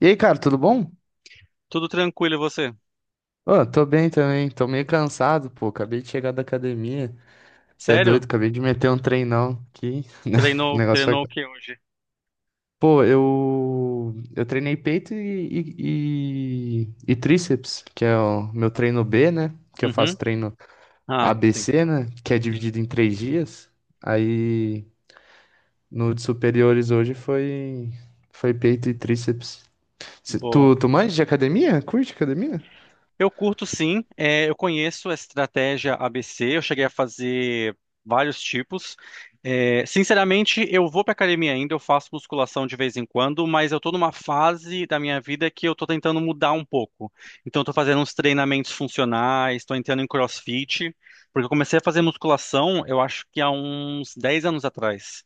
E aí, cara, tudo bom? Tudo tranquilo, e você? Ô, tô bem também, tô meio cansado, pô. Acabei de chegar da academia. Você é doido, Sério? acabei de meter um treinão aqui. O Treinou, negócio treinou o foi. que hoje? Pô, eu. Eu treinei peito e tríceps, que é o meu treino B, né? Que eu Uhum. faço treino Ah, sim. ABC, né? Que é dividido em 3 dias. Aí no de superiores hoje foi. Foi peito e tríceps. Cê- Boa. Tu, tu manja de academia? Curte academia? Eu curto, sim. É, eu conheço a estratégia ABC, eu cheguei a fazer vários tipos. É, sinceramente, eu vou para academia ainda, eu faço musculação de vez em quando, mas eu estou numa fase da minha vida que eu estou tentando mudar um pouco. Então, estou fazendo uns treinamentos funcionais, estou entrando em CrossFit, porque eu comecei a fazer musculação, eu acho que há uns 10 anos atrás.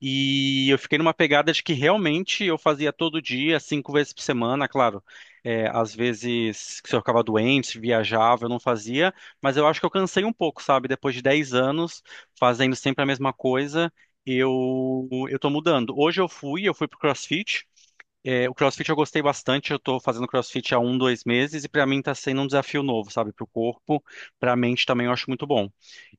E eu fiquei numa pegada de que realmente eu fazia todo dia, 5 vezes por semana. Claro, é, às vezes, se eu ficava doente, viajava, eu não fazia, mas eu acho que eu cansei um pouco, sabe? Depois de 10 anos fazendo sempre a mesma coisa, eu tô mudando. Hoje eu fui pro CrossFit. É, o CrossFit eu gostei bastante, eu tô fazendo CrossFit há um, 2 meses, e pra mim tá sendo um desafio novo, sabe? Pro corpo, pra mente também eu acho muito bom.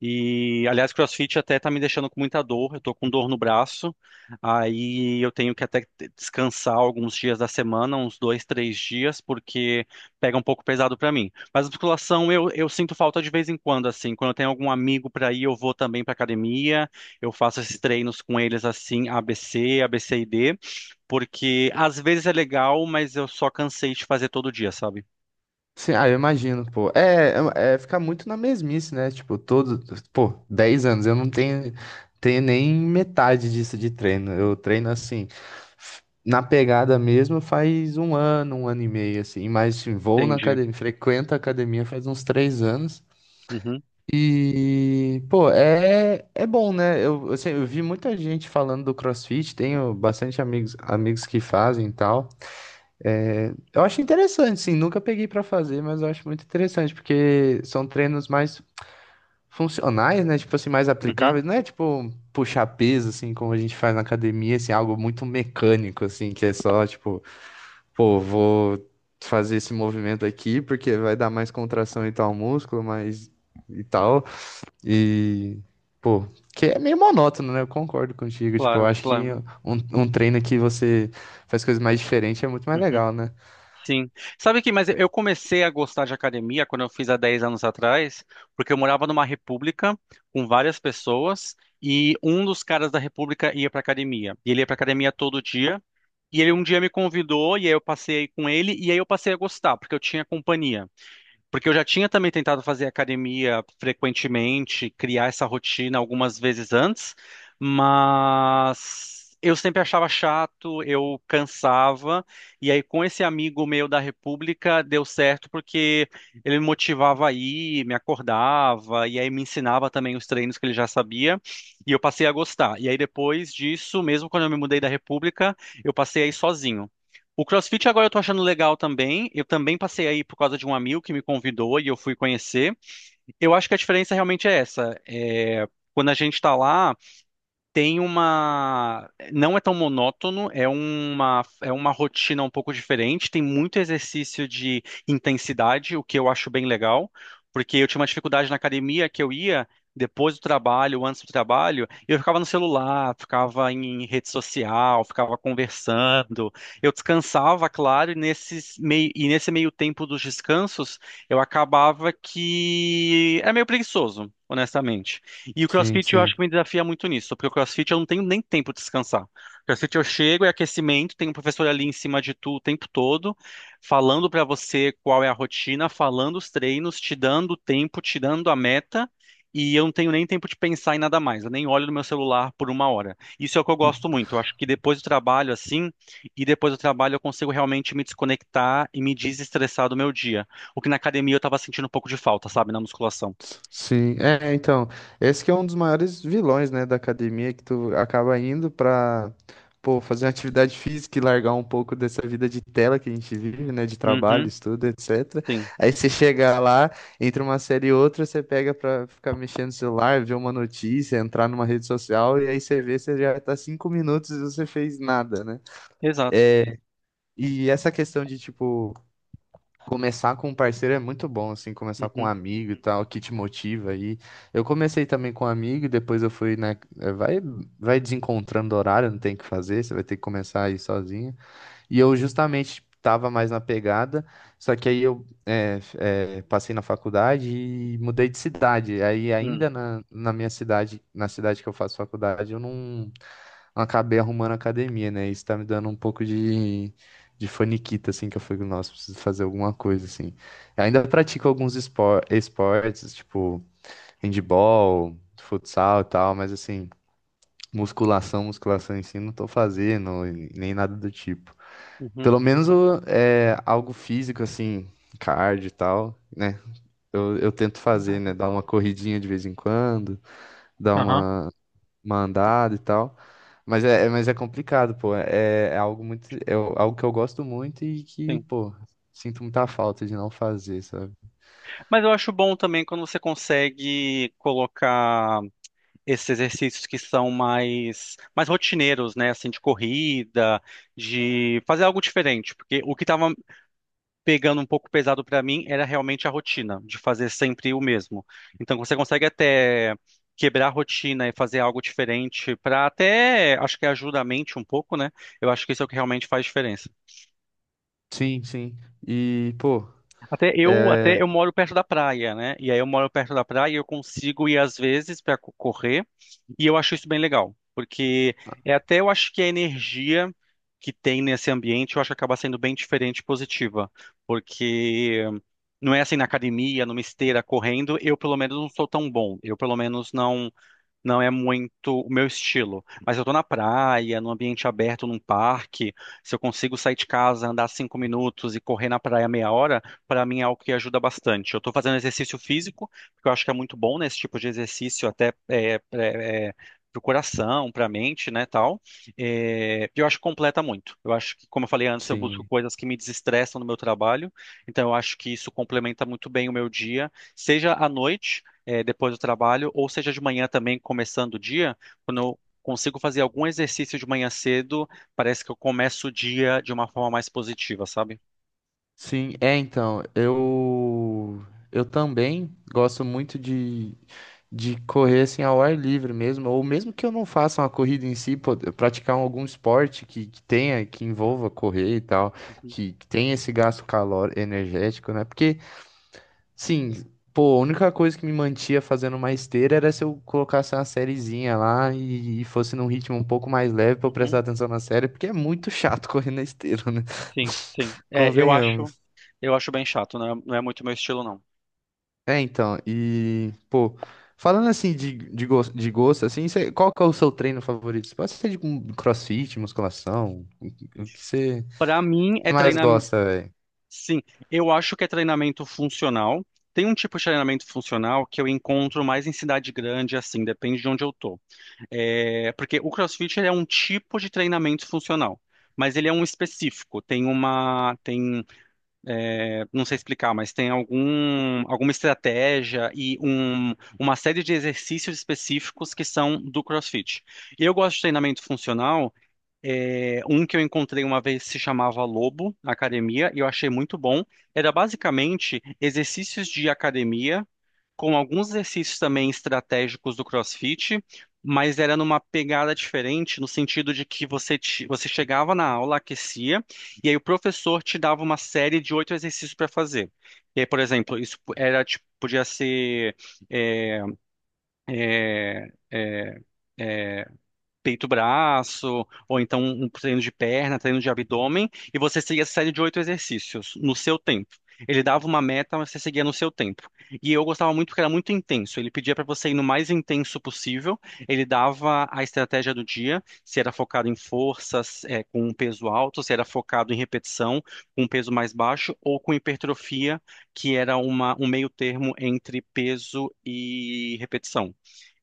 E, aliás, CrossFit até tá me deixando com muita dor, eu tô com dor no braço, aí eu tenho que até descansar alguns dias da semana, uns 2, 3 dias, porque pega um pouco pesado pra mim. Mas a musculação eu sinto falta de vez em quando, assim, quando eu tenho algum amigo pra ir, eu vou também pra academia, eu faço esses treinos com eles, assim, ABC, ABCD, porque às vezes é legal, mas eu só cansei de fazer todo dia, sabe? Sim, ah, eu imagino, pô. É ficar muito na mesmice, né? Tipo, todo, pô, 10 anos, eu não tenho nem metade disso de treino. Eu treino assim, na pegada mesmo faz um ano e meio, assim. Mas assim, vou na Entendi. academia, frequento a academia faz uns 3 anos. Uhum, E, pô, é bom, né? Eu, assim, eu vi muita gente falando do CrossFit, tenho bastante amigos que fazem e tal. É, eu acho interessante, sim. Nunca peguei pra fazer, mas eu acho muito interessante, porque são treinos mais funcionais, né? Tipo assim, mais uhum, aplicáveis. Não é tipo puxar peso, assim, como a gente faz na academia, assim, algo muito mecânico, assim, que é só tipo, pô, vou fazer esse movimento aqui porque vai dar mais contração em tal músculo, mas e tal. E, pô, que é meio monótono, né? Eu concordo contigo. Tipo, eu claro, acho que claro. um treino que você faz coisas mais diferentes é muito mais Uhum, legal, né? sim. Sabe que, mas eu comecei a gostar de academia quando eu fiz há 10 anos atrás, porque eu morava numa república com várias pessoas, e um dos caras da república ia pra academia. E ele ia pra academia todo dia. E ele um dia me convidou, e aí eu passei com ele, e aí eu passei a gostar, porque eu tinha companhia. Porque eu já tinha também tentado fazer academia frequentemente, criar essa rotina algumas vezes antes, mas eu sempre achava chato, eu cansava, e aí com esse amigo meu da República deu certo, porque ele me motivava a ir, me acordava, e aí me ensinava também os treinos que ele já sabia, e eu passei a gostar. E aí depois disso, mesmo quando eu me mudei da República, eu passei a ir sozinho. O CrossFit agora eu tô achando legal também. Eu também passei aí por causa de um amigo que me convidou e eu fui conhecer. Eu acho que a diferença realmente é essa. É, quando a gente tá lá tem uma. Não é tão monótono, é uma rotina um pouco diferente. Tem muito exercício de intensidade, o que eu acho bem legal, porque eu tinha uma dificuldade na academia que eu ia depois do trabalho, antes do trabalho, e eu ficava no celular, ficava em rede social, ficava conversando. Eu descansava, claro, e, nesse meio tempo dos descansos, eu acabava que era meio preguiçoso, honestamente. E o Sim, CrossFit eu acho sim. que me desafia muito nisso, porque o CrossFit eu não tenho nem tempo de descansar. CrossFit eu chego, é aquecimento, tem um professor ali em cima de tu o tempo todo, falando pra você qual é a rotina, falando os treinos, te dando o tempo, te dando a meta, e eu não tenho nem tempo de pensar em nada mais. Eu nem olho no meu celular por uma hora. Isso é o que eu gosto muito. Eu acho que depois do trabalho, assim, e depois do trabalho, eu consigo realmente me desconectar e me desestressar do meu dia. O que na academia eu tava sentindo um pouco de falta, sabe, na musculação. Sim, é, então, esse que é um dos maiores vilões, né, da academia, que tu acaba indo pra, pô, fazer uma atividade física e largar um pouco dessa vida de tela que a gente vive, né, de trabalho, Uhum, estudo, etc. sim. Aí você chega lá, entre uma série e outra, você pega pra ficar mexendo no celular, ver uma notícia, entrar numa rede social, e aí você vê, você já tá 5 minutos e você fez nada, né? Exato. E essa questão de, tipo, começar com um parceiro é muito bom, assim, começar com um Uhum, amigo e tal, que te motiva aí. Eu comecei também com um amigo, e depois eu fui, né? Vai desencontrando horário, não tem o que fazer, você vai ter que começar aí sozinho. E eu justamente estava mais na pegada, só que aí eu passei na faculdade e mudei de cidade. Aí uhum, ainda na minha cidade, na cidade que eu faço faculdade, eu não acabei arrumando academia, né? Isso tá me dando um pouco de faniquita, assim, que eu fui nossa, preciso fazer alguma coisa, assim. Ainda pratico alguns esportes, tipo handball, futsal e tal, mas assim, musculação em si, não tô fazendo, e nem nada do tipo. uhum. Pelo menos é algo físico, assim, cardio e tal, né? Eu tento fazer, né? Claro. Dar uma corridinha de vez em quando, dar Aham, uma andada e tal. Mas é complicado, pô. É algo que eu gosto muito e que, sim. pô, sinto muita falta de não fazer, sabe? Mas eu acho bom também quando você consegue colocar esses exercícios que são mais rotineiros, né? Assim, de corrida, de fazer algo diferente. Porque o que estava pegando um pouco pesado para mim era realmente a rotina, de fazer sempre o mesmo. Então você consegue até quebrar a rotina e fazer algo diferente para até, acho que ajuda a mente um pouco, né? Eu acho que isso é o que realmente faz diferença. Sim, sim. E, pô, Até eu, é, até eu moro perto da praia, né? E aí eu moro perto da praia e eu consigo ir às vezes para correr, e eu acho isso bem legal, porque é até eu acho que a energia que tem nesse ambiente, eu acho que acaba sendo bem diferente e positiva, porque não é assim na academia, numa esteira correndo, eu pelo menos não sou tão bom. Eu pelo menos não é muito o meu estilo. Mas eu tô na praia, num ambiente aberto, num parque. Se eu consigo sair de casa, andar 5 minutos e correr na praia meia hora, para mim é algo que ajuda bastante. Eu tô fazendo exercício físico, porque eu acho que é muito bom, né, esse tipo de exercício, até é, é, é, pro coração, pra mente, né, tal. É, eu acho que completa muito. Eu acho que, como eu falei antes, eu busco sim. coisas que me desestressam no meu trabalho. Então, eu acho que isso complementa muito bem o meu dia, seja à noite, depois do trabalho, ou seja de manhã também, começando o dia, quando eu consigo fazer algum exercício de manhã cedo, parece que eu começo o dia de uma forma mais positiva, sabe? Sim, é então, eu também gosto muito de correr assim ao ar livre mesmo, ou mesmo que eu não faça uma corrida em si, pô, eu praticar algum esporte que envolva correr e tal, Uhum, que tenha esse gasto calor energético, né? Porque, sim, pô, a única coisa que me mantinha fazendo uma esteira era se eu colocasse uma sériezinha lá e fosse num ritmo um pouco mais leve pra eu prestar uhum. atenção na série, porque é muito chato correr na esteira, né? Sim, sim. É, eu acho, Convenhamos. eu acho bem chato, não é muito meu estilo, não. É, então, e, pô, falando assim de gosto, assim, qual que é o seu treino favorito? Pode ser de um crossfit, musculação, o que você Para mim é mais treinamento, gosta, velho? sim, eu acho que é treinamento funcional. Tem um tipo de treinamento funcional que eu encontro mais em cidade grande, assim, depende de onde eu tô. É, porque o CrossFit ele é um tipo de treinamento funcional, mas ele é um específico. Tem uma, tem, é, Não sei explicar, mas tem alguma estratégia e uma série de exercícios específicos que são do CrossFit. Eu gosto de treinamento funcional. É, um que eu encontrei uma vez se chamava Lobo na academia e eu achei muito bom. Era basicamente exercícios de academia com alguns exercícios também estratégicos do CrossFit, mas era numa pegada diferente, no sentido de que você chegava na aula, aquecia, e aí o professor te dava uma série de 8 exercícios para fazer. E aí, por exemplo, isso era, tipo, podia ser, eh, peito-braço, ou então um treino de perna, treino de abdômen, e você seguia essa série de 8 exercícios no seu tempo. Ele dava uma meta, mas você seguia no seu tempo. E eu gostava muito porque era muito intenso. Ele pedia para você ir no mais intenso possível. Ele dava a estratégia do dia, se era focado em forças, com um peso alto, se era focado em repetição, com um peso mais baixo, ou com hipertrofia, que era um meio termo entre peso e repetição.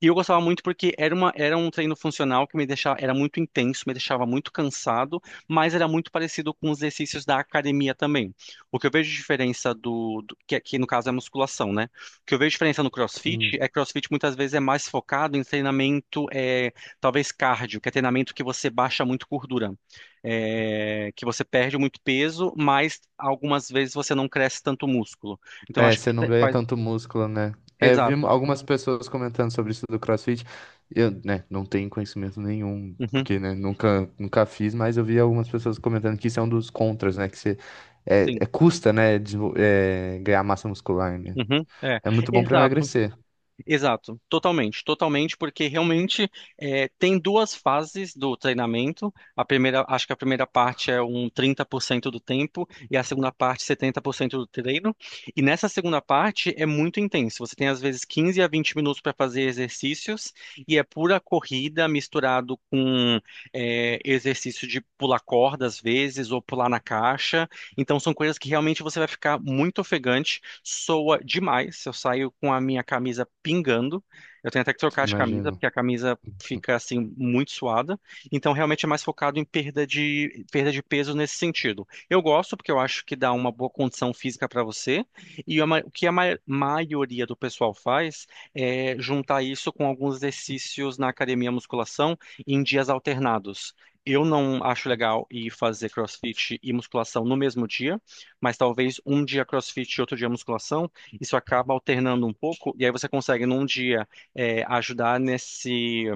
E eu gostava muito porque era um treino funcional que me deixava, era muito intenso, me deixava muito cansado, mas era muito parecido com os exercícios da academia também. O que eu vejo de diferença que aqui no caso é a musculação, né? O que eu vejo de diferença no Sim. CrossFit é que CrossFit muitas vezes é mais focado em treinamento, talvez cardio, que é treinamento que você baixa muito gordura, que você perde muito peso, mas algumas vezes você não cresce tanto músculo. Então eu É, acho que você não ganha faz, tanto músculo, né? É, eu vi exato. algumas pessoas comentando sobre isso do CrossFit. Eu, né, não tenho conhecimento nenhum, Uhum, porque, né, nunca fiz, mas eu vi algumas pessoas comentando que isso é um dos contras, né? Que você sim. Custa, né, ganhar massa muscular, né? Uhum, é, É muito bom pra exato, emagrecer, exato, totalmente, totalmente, porque realmente tem 2 fases do treinamento. A primeira, acho que a primeira parte é um 30% do tempo, e a segunda parte 70% do treino. E nessa segunda parte é muito intenso. Você tem às vezes 15 a 20 minutos para fazer exercícios, e é pura corrida misturado com exercício de pular corda às vezes, ou pular na caixa. Então são coisas que realmente você vai ficar muito ofegante, soa demais. Eu saio com a minha camisa pingando. Eu tenho até que trocar de camisa, imagino. porque a camisa fica assim muito suada. Então realmente é mais focado em perda de peso nesse sentido. Eu gosto porque eu acho que dá uma boa condição física para você. E a ma- o que a ma- maioria do pessoal faz é juntar isso com alguns exercícios na academia, musculação, em dias alternados. Eu não acho legal ir fazer CrossFit e musculação no mesmo dia, mas talvez um dia CrossFit e outro dia musculação, isso acaba alternando um pouco, e aí você consegue num dia, ajudar nesse,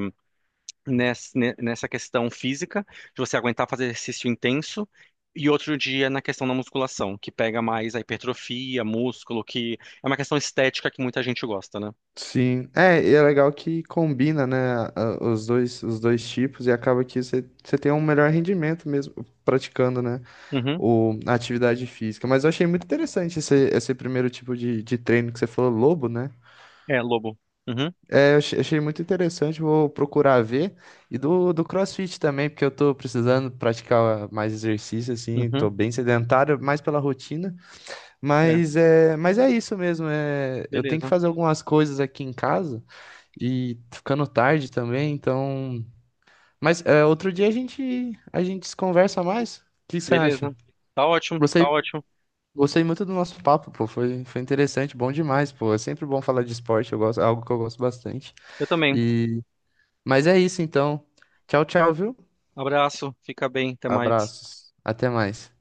nessa questão física, de você aguentar fazer exercício intenso, e outro dia na questão da musculação, que pega mais a hipertrofia, músculo, que é uma questão estética que muita gente gosta, né? Sim, é, e é legal que combina, né, os dois tipos e acaba que você tem um melhor rendimento mesmo praticando, né, Uhum. a atividade física. Mas eu achei muito interessante esse primeiro tipo de treino que você falou, lobo, né? É, Lobo. Uhum. É, eu achei muito interessante, vou procurar ver. E do CrossFit também, porque eu tô precisando praticar mais exercício, assim, tô Uhum. bem sedentário, mais pela rotina. É, Mas é isso mesmo, é, eu tenho que beleza, fazer algumas coisas aqui em casa. E tá ficando tarde também, então. Mas é, outro dia a gente se conversa mais. O que você acha? beleza. Tá ótimo, Gostei, tá ótimo. gostei muito do nosso papo, pô. Foi interessante, bom demais, pô. É sempre bom falar de esporte, eu gosto, é algo que eu gosto bastante. Eu também. E mas é isso então. Tchau, tchau, viu? Abraço, fica bem, até mais. Abraços. Até mais.